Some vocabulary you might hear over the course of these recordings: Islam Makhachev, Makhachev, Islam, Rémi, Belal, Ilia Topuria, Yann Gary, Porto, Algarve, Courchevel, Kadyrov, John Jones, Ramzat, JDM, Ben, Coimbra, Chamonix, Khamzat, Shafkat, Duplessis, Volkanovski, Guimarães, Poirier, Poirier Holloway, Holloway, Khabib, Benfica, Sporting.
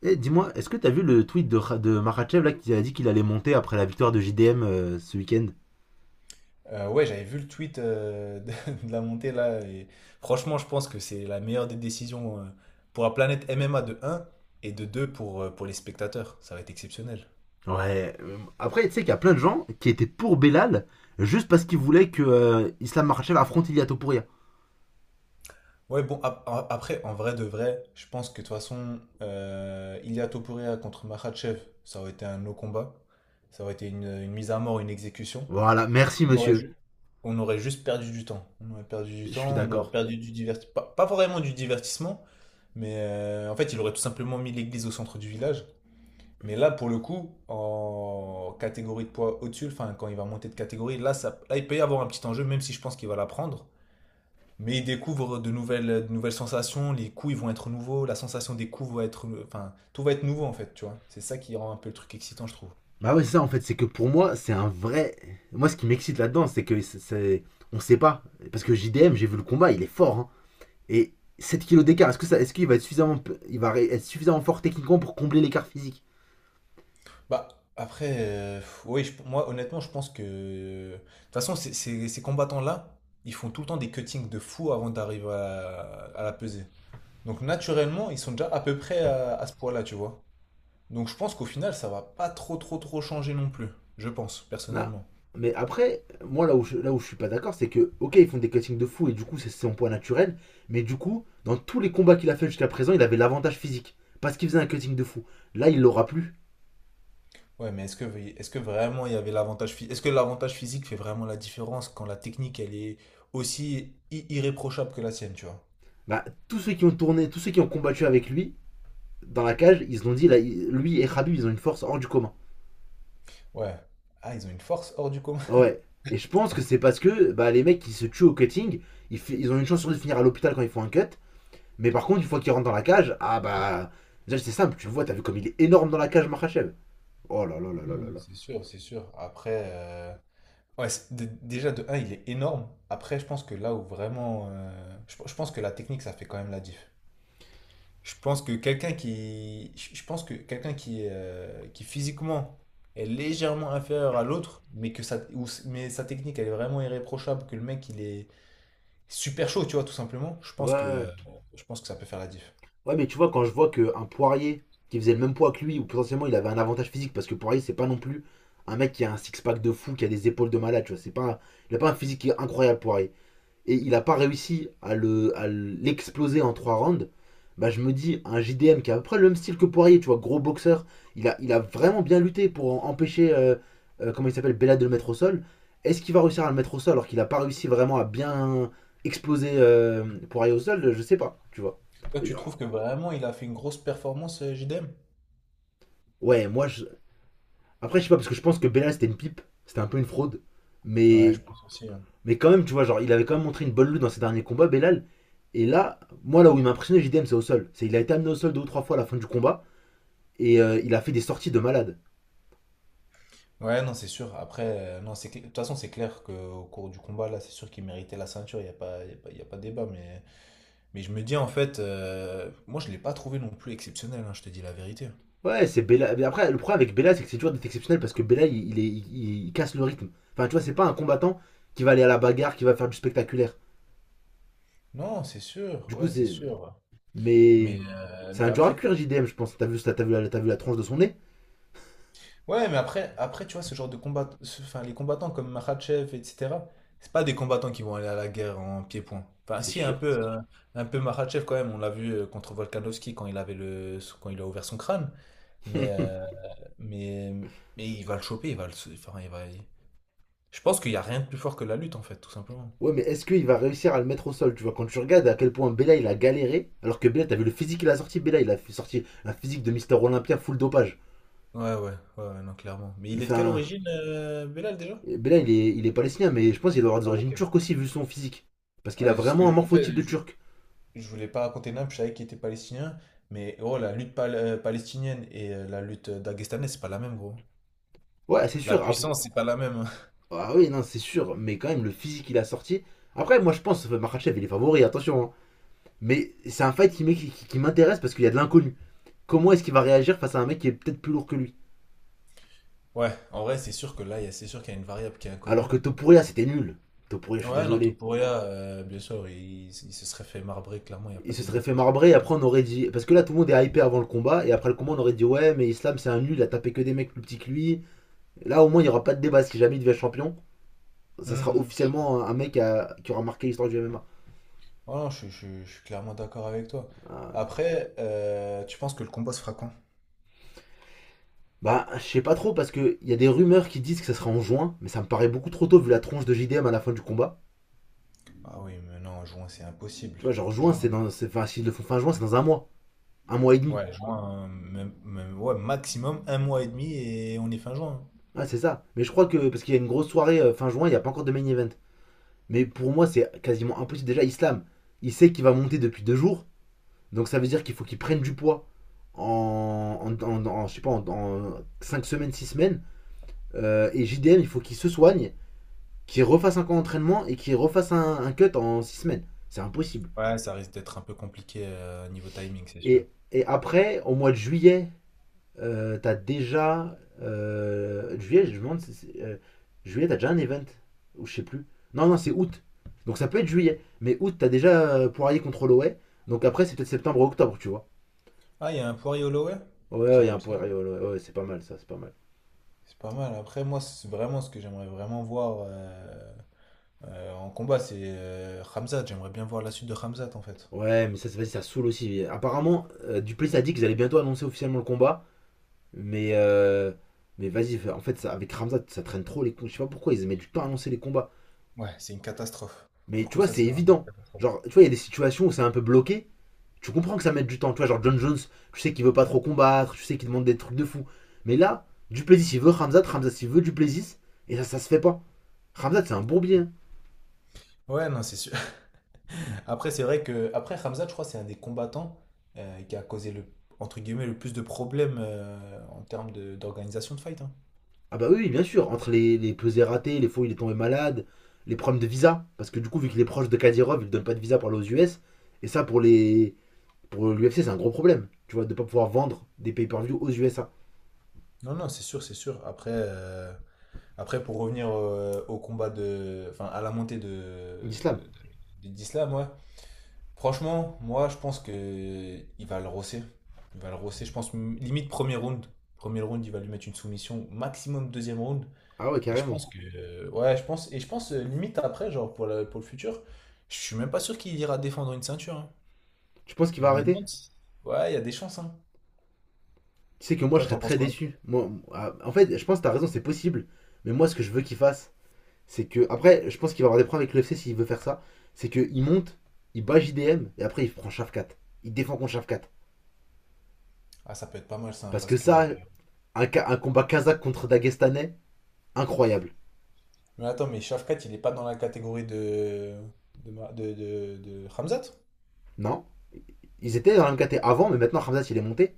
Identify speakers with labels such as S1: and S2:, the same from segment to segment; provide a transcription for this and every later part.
S1: Eh, dis-moi, est-ce que t'as vu le tweet de Makhachev là qui a dit qu'il allait monter après la victoire de JDM ce week-end.
S2: Ouais, j'avais vu le tweet de la montée là, et franchement, je pense que c'est la meilleure des décisions pour la planète MMA de un et de 2 pour les spectateurs. Ça va être exceptionnel.
S1: Ouais. Après, tu sais qu'il y a plein de gens qui étaient pour Belal juste parce qu'ils voulaient que Islam Makhachev affronte Ilia Topuria.
S2: Ouais, bon, après, en vrai de vrai, je pense que de toute façon, Ilia Topuria contre Makhachev, ça aurait été un no combat. Ça aurait été une mise à mort, une exécution.
S1: Voilà, merci
S2: On aurait,
S1: monsieur.
S2: ju- On aurait juste perdu du temps. On aurait perdu du
S1: Je suis
S2: temps, on aurait
S1: d'accord.
S2: perdu du divertissement. Pas vraiment du divertissement, mais en fait, il aurait tout simplement mis l'église au centre du village. Mais là, pour le coup, en catégorie de poids au-dessus, enfin, quand il va monter de catégorie, là, ça, là, il peut y avoir un petit enjeu, même si je pense qu'il va la prendre. Mais il découvre de nouvelles sensations, les coups, ils vont être nouveaux, la sensation des coups va être. Enfin, tout va être nouveau, en fait, tu vois. C'est ça qui rend un peu le truc excitant, je trouve.
S1: Bah ouais, c'est ça en fait, c'est que pour moi, c'est un vrai. Moi, ce qui m'excite là-dedans, c'est que c'est. On sait pas. Parce que JDM, j'ai vu le combat, il est fort, hein. Et 7 kilos d'écart, est-ce que ça, est-ce qu'il va être suffisamment fort techniquement pour combler l'écart physique?
S2: Bah, après, oui, moi, honnêtement, je pense que. De toute façon, ces combattants-là, ils font tout le temps des cuttings de fou avant d'arriver à la peser. Donc, naturellement, ils sont déjà à peu près à ce poids-là, tu vois. Donc, je pense qu'au final, ça va pas trop, trop, trop changer non plus. Je pense,
S1: Non.
S2: personnellement.
S1: Mais après, moi là où je suis pas d'accord, c'est que, ok, ils font des cuttings de fou et du coup, c'est son poids naturel. Mais du coup, dans tous les combats qu'il a fait jusqu'à présent, il avait l'avantage physique. Parce qu'il faisait un cutting de fou. Là, il l'aura plus.
S2: Ouais, mais est-ce que, est-ce que vraiment il y avait l'avantage physique? Est-ce que l'avantage physique fait vraiment la différence quand la technique, elle est irréprochable que la sienne, tu vois?
S1: Bah, tous ceux qui ont tourné, tous ceux qui ont combattu avec lui, dans la cage, ils se l'ont dit, là, lui et Khabib, ils ont une force hors du commun.
S2: Ouais. Ah, ils ont une force hors du commun.
S1: Ouais. Et je pense que c'est parce que bah, les mecs qui se tuent au cutting, ils ont une chance sur deux de finir à l'hôpital quand ils font un cut. Mais par contre, une fois qu'ils rentrent dans la cage, ah bah. Déjà, c'est simple, tu le vois, t'as vu comme il est énorme dans la cage, Makhachev. Oh là là là là là
S2: Ouais,
S1: là.
S2: c'est sûr, c'est sûr. Après, ouais, déjà de un il est énorme. Après, je pense que là où vraiment. Je pense que la technique, ça fait quand même la diff. Je pense que quelqu'un qui. Je pense que quelqu'un qui physiquement est légèrement inférieur à l'autre, mais que sa, mais sa technique, elle est vraiment irréprochable, que le mec, il est super chaud, tu vois, tout simplement. Je pense que,
S1: Ouais.
S2: euh, je pense que ça peut faire la diff.
S1: Ouais, mais tu vois, quand je vois qu'un Poirier qui faisait le même poids que lui, ou potentiellement il avait un avantage physique, parce que Poirier, c'est pas non plus un mec qui a un six-pack de fou, qui a des épaules de malade, tu vois. C'est pas, il a pas un physique qui est incroyable, Poirier. Et il n'a pas réussi à l'exploser en 3 rounds, bah je me dis, un JDM qui a à peu près le même style que Poirier, tu vois, gros boxeur, il a vraiment bien lutté pour empêcher, comment il s'appelle, Bella de le mettre au sol. Est-ce qu'il va réussir à le mettre au sol alors qu'il n'a pas réussi vraiment à bien exploser Poirier au sol? Je sais pas, tu vois.
S2: Toi,
S1: euh,
S2: tu trouves que vraiment, il a fait une grosse performance, JDM?
S1: Ouais, moi, je... Après, je sais pas, parce que je pense que Bella c'était une pipe, c'était un peu une fraude,
S2: Ouais,
S1: mais
S2: je pense aussi.
S1: Mais quand même, tu vois, genre, il avait quand même montré une bonne lutte dans ses derniers combats, Belal. Et là, moi, là où il m'a impressionné, JDM, c'est au sol. C'est il a été amené au sol deux ou trois fois à la fin du combat et il a fait des sorties de malade.
S2: Ouais, non, c'est sûr. Après, non, de toute façon, c'est clair qu'au cours du combat, là, c'est sûr qu'il méritait la ceinture. Il n'y a pas, y a pas, y a pas débat. Mais je me dis, en fait, moi, je ne l'ai pas trouvé non plus exceptionnel, hein, je te dis la vérité.
S1: Ouais, c'est Belal. Mais après, le problème avec Belal, c'est que c'est toujours d'être exceptionnel parce que Belal, il casse le rythme. Enfin, tu vois, c'est pas un combattant qui va aller à la bagarre, qui va faire du spectaculaire.
S2: Non, c'est sûr.
S1: Du coup,
S2: Ouais, c'est
S1: c'est.
S2: sûr. Mais,
S1: Mais.
S2: euh,
S1: C'est
S2: mais
S1: un dur à
S2: après,
S1: cuire, JDM, je pense. T'as vu la tranche de son nez?
S2: Ouais, mais après, après, tu vois, ce genre de combat, enfin, les combattants comme Makhachev, etc., c'est pas des combattants qui vont aller à la guerre en pied-point. Enfin,
S1: C'est
S2: si,
S1: sûr.
S2: un peu Makhachev quand même, on l'a vu contre Volkanovski quand il avait le, quand il a ouvert son crâne. Mais, euh, mais, mais il va le choper, il va le, enfin, je pense qu'il n'y a rien de plus fort que la lutte, en fait, tout simplement.
S1: Ouais, mais est-ce qu'il va réussir à le mettre au sol? Tu vois, quand tu regardes à quel point Bella il a galéré, alors que Bella, t'as vu le physique qu'il a sorti. Bella, il a sorti un physique de Mister Olympia full dopage.
S2: Ouais, ouais, ouais, non, clairement. Mais il est de quelle
S1: Enfin,
S2: origine, Belal, déjà?
S1: Bella, il est palestinien, mais je pense qu'il doit avoir des
S2: Ouais,
S1: origines
S2: ok.
S1: turques aussi, vu son physique. Parce qu'il a
S2: Ouais, c'est ce que
S1: vraiment un
S2: je, en fait,
S1: morphotype de turc.
S2: je voulais pas raconter nain, puis je savais qu'il était palestinien. Mais oh, la lutte palestinienne et la lutte dagestanaise, c'est pas la même, gros.
S1: Ouais, c'est
S2: La
S1: sûr. Ah,
S2: puissance, c'est pas la même.
S1: ah oui, non, c'est sûr, mais quand même, le physique qu'il a sorti. Après, moi, je pense que Makhachev, il est favori, attention, hein. Mais c'est un fight qui m'intéresse parce qu'il y a de l'inconnu. Comment est-ce qu'il va réagir face à un mec qui est peut-être plus lourd que lui?
S2: Ouais, en vrai, c'est sûr que là, c'est sûr qu'il y a une variable qui est
S1: Alors
S2: inconnue.
S1: que Topuria, c'était nul. Topuria, je suis
S2: Ouais, dans
S1: désolé.
S2: Topuria, bien sûr, il se serait fait marbrer, clairement, il n'y a pas
S1: Il se
S2: débat,
S1: serait
S2: de toute
S1: fait
S2: façon.
S1: marbrer et après on aurait dit. Parce que là tout le monde est hypé avant le combat et après le combat on aurait dit ouais mais Islam c'est un nul, il a tapé que des mecs plus petits que lui. Et là au moins il n'y aura pas de débat si jamais il devient champion. Ça sera
S2: Hmm.
S1: officiellement un mec qui aura marqué l'histoire du MMA.
S2: Oh non, je suis clairement d'accord avec toi.
S1: Ah, ouais.
S2: Après, tu penses que le combat se fera quand?
S1: Bah je sais pas trop parce que il y a des rumeurs qui disent que ça sera en juin, mais ça me paraît beaucoup trop tôt vu la tronche de JDM à la fin du combat.
S2: Ah oui, mais non, juin, c'est impossible.
S1: Tu vois genre juin
S2: Juin,
S1: c'est dans. Enfin s'ils le font fin juin c'est dans un mois. Un mois et demi.
S2: ouais, juin, même, même- ouais, maximum un mois et demi et on est fin juin.
S1: Ouais c'est ça. Mais je crois que parce qu'il y a une grosse soirée fin juin, il n'y a pas encore de main event. Mais pour moi c'est quasiment impossible. Déjà Islam, il sait qu'il va monter depuis 2 jours. Donc ça veut dire qu'il faut qu'ils prennent du poids en je sais pas, en 5 semaines, 6 semaines. Et JDM, il faut qu'il se soigne, qu'il refasse un camp d'entraînement et qu'il refasse un cut en 6 semaines. C'est impossible.
S2: Ouais, ça risque d'être un peu compliqué niveau timing, c'est sûr.
S1: Et après, au mois de juillet, t'as déjà. Juillet, je me demande si euh, juillet, t'as déjà un event. Ou je sais plus. Non, non, c'est août. Donc ça peut être juillet. Mais août, t'as déjà Poirier contre Holloway. Donc après, c'est peut-être septembre ou octobre, tu vois.
S2: Ah, il y a un Poirier Holloway?
S1: Ouais, ouais,
S2: C'est
S1: il y a un
S2: cool ça.
S1: Poirier ouais. Ouais, ouais, c'est pas mal ça, c'est pas mal.
S2: C'est pas mal. Après, moi, c'est vraiment ce que j'aimerais vraiment voir en combat, c'est Khamzat. J'aimerais bien voir la suite de Khamzat en fait.
S1: Ouais, mais ça, vas-y, ça saoule aussi. Apparemment, Duplessis a dit qu'ils allaient bientôt annoncer officiellement le combat. Mais, euh, mais vas-y, en fait, ça, avec Ramzat, ça traîne trop les combats. Je sais pas pourquoi ils mettent du temps à annoncer les combats.
S2: Ouais, c'est une catastrophe. Pour
S1: Mais
S2: le
S1: tu
S2: coup,
S1: vois,
S2: ça,
S1: c'est
S2: c'est vraiment une
S1: évident.
S2: catastrophe.
S1: Genre, tu vois, il y a des situations où c'est un peu bloqué. Tu comprends que ça mette du temps. Tu vois, genre John Jones, tu sais qu'il veut pas trop combattre, tu sais qu'il demande des trucs de fou. Mais là, Duplessis, il veut Ramzat, Ramzat, il veut Duplessis. Et ça se fait pas. Ramzat, c'est un bourbier, hein.
S2: Ouais, non, c'est sûr. Après, c'est vrai que après Khamzat, je crois, c'est un des combattants qui a causé le entre guillemets le plus de problèmes en termes d'organisation de fight. Hein.
S1: Ah bah oui, bien sûr, entre les pesées ratées, les fois où il est tombé malade, les problèmes de visa, parce que du coup, vu qu'il est proche de Kadyrov, il ne donne pas de visa pour aller aux US, et ça, pour l'UFC, c'est un gros problème, tu vois, de ne pas pouvoir vendre des pay-per-view aux USA.
S2: Non, non, c'est sûr, c'est sûr. Après, pour revenir au combat de. Enfin, à la montée de,
S1: L'islam.
S2: d'Islam, ouais. Franchement, moi, je pense que il va le rosser. Il va le rosser. Je pense limite premier round. Premier round, il va lui mettre une soumission, maximum deuxième round.
S1: Ah ouais,
S2: Et je
S1: carrément.
S2: pense que. Ouais, je pense. Et je pense limite après, genre pour, pour le futur, je suis même pas sûr qu'il ira défendre une ceinture. Hein.
S1: Tu penses qu'il
S2: Et
S1: va
S2: je me
S1: arrêter?
S2: demande si- ouais, il y a des chances, hein.
S1: Tu sais que moi, je
S2: Toi,
S1: serais
S2: t'en penses
S1: très
S2: quoi?
S1: déçu. Moi, ah, en fait, je pense que t'as raison, c'est possible, mais moi, ce que je veux qu'il fasse, c'est que... Après, je pense qu'il va avoir des problèmes avec l'UFC s'il veut faire ça, c'est qu'il monte, il bat JDM, et après, il prend Shafkat. Il défend contre Shafkat.
S2: Ah, ça peut être pas mal ça,
S1: Parce que
S2: parce que
S1: ça, un combat kazakh contre Dagestanais, incroyable.
S2: mais attends, mais Shafkat, il est pas dans la catégorie de. De. De Hamzat?
S1: Non. Ils étaient dans la MKT avant, mais maintenant Hamzat il est monté.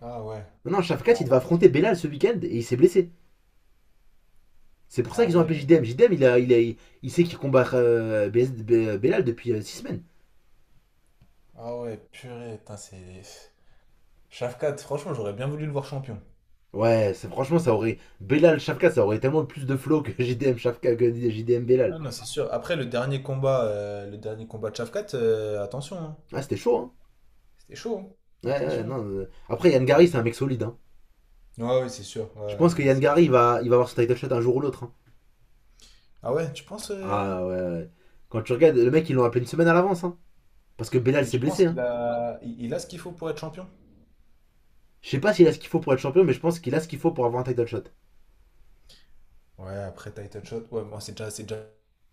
S2: Ah ouais.
S1: Maintenant Shafkat
S2: Ah
S1: il
S2: ouais.
S1: va affronter Belal ce week-end et il s'est blessé. C'est pour ça
S2: Ah
S1: qu'ils ont appelé
S2: ouais.
S1: JDM. JDM il sait qu'il combat Belal depuis 6 semaines.
S2: Ah ouais, purée, putain, c'est. Shafkat, franchement, j'aurais bien voulu le voir champion.
S1: Ouais, franchement ça aurait. Belal Shafkat ça aurait tellement plus de flow que JDM Shafkat que JDM Belal.
S2: Ah non, c'est sûr. Après, le dernier combat de Shafkat, attention, hein.
S1: Ah c'était chaud hein.
S2: C'était chaud, hein.
S1: Ouais, ouais,
S2: Attention.
S1: non. Après Yann Gary c'est un mec solide, hein.
S2: Ouais, ouais, c'est sûr. Ouais,
S1: Je
S2: ouais,
S1: pense que Yann Gary il va avoir son title shot un jour ou l'autre, hein.
S2: ah ouais, tu penses.
S1: Ah ouais, ouais. Quand tu regardes, le mec ils l'ont appelé une semaine à l'avance, hein. Parce que Belal
S2: Et
S1: s'est
S2: tu penses
S1: blessé,
S2: qu'il
S1: hein.
S2: a. Il a ce qu'il faut pour être champion?
S1: Je sais pas s'il a ce qu'il faut pour être champion, mais je pense qu'il a ce qu'il faut pour avoir un title shot.
S2: Ouais, après title shot. Ouais, bon, c'est déjà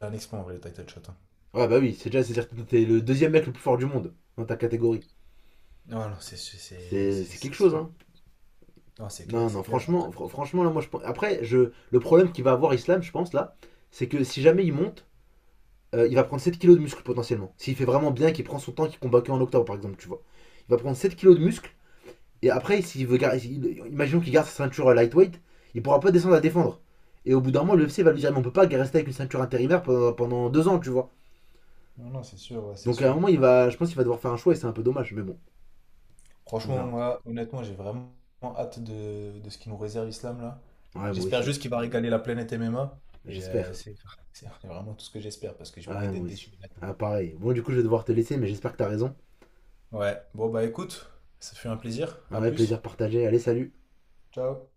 S2: un exploit en vrai, le title shot. Hein.
S1: Ouais, bah oui, c'est déjà, c'est-à-dire que t'es le deuxième mec le plus fort du monde dans ta catégorie.
S2: Non, non,
S1: C'est c'est quelque
S2: c'est
S1: chose, hein.
S2: sûr. Non, c'est
S1: Non,
S2: clair,
S1: non,
S2: c'est clair.
S1: franchement, franchement, là, moi, je pense. Après, je, le problème qu'il va avoir Islam, je pense, là, c'est que si jamais il monte, il va prendre 7 kilos de muscle potentiellement. S'il fait vraiment bien, qu'il prend son temps, qu'il combat qu'en octobre, par exemple, tu vois. Il va prendre 7 kilos de muscle. Et après, s'il veut garder, imaginons qu'il garde sa ceinture lightweight, il pourra pas descendre à défendre. Et au bout d'un moment, l'UFC va lui dire, mais on peut pas rester avec une ceinture intérimaire pendant, 2 ans, tu vois.
S2: Non, non, c'est sûr, ouais, c'est
S1: Donc à un
S2: sûr.
S1: moment, il va, je pense qu'il va devoir faire un choix et c'est un peu dommage, mais bon, on
S2: Franchement,
S1: verra.
S2: moi, honnêtement, j'ai vraiment hâte de ce qu'il nous réserve, Islam, là.
S1: Ouais, moi
S2: J'espère
S1: aussi,
S2: juste qu'il va régaler la planète MMA. Et euh,
S1: j'espère.
S2: c'est c'est vraiment tout ce que j'espère, parce que j'ai pas envie
S1: Ouais,
S2: d'être
S1: moi
S2: déçu,
S1: aussi.
S2: honnêtement.
S1: Ah, pareil. Bon, du coup, je vais devoir te laisser, mais j'espère que t'as raison.
S2: Ouais, bon, bah écoute, ça fait un plaisir. À
S1: Ouais, plaisir
S2: plus.
S1: partagé. Allez, salut.
S2: Ciao.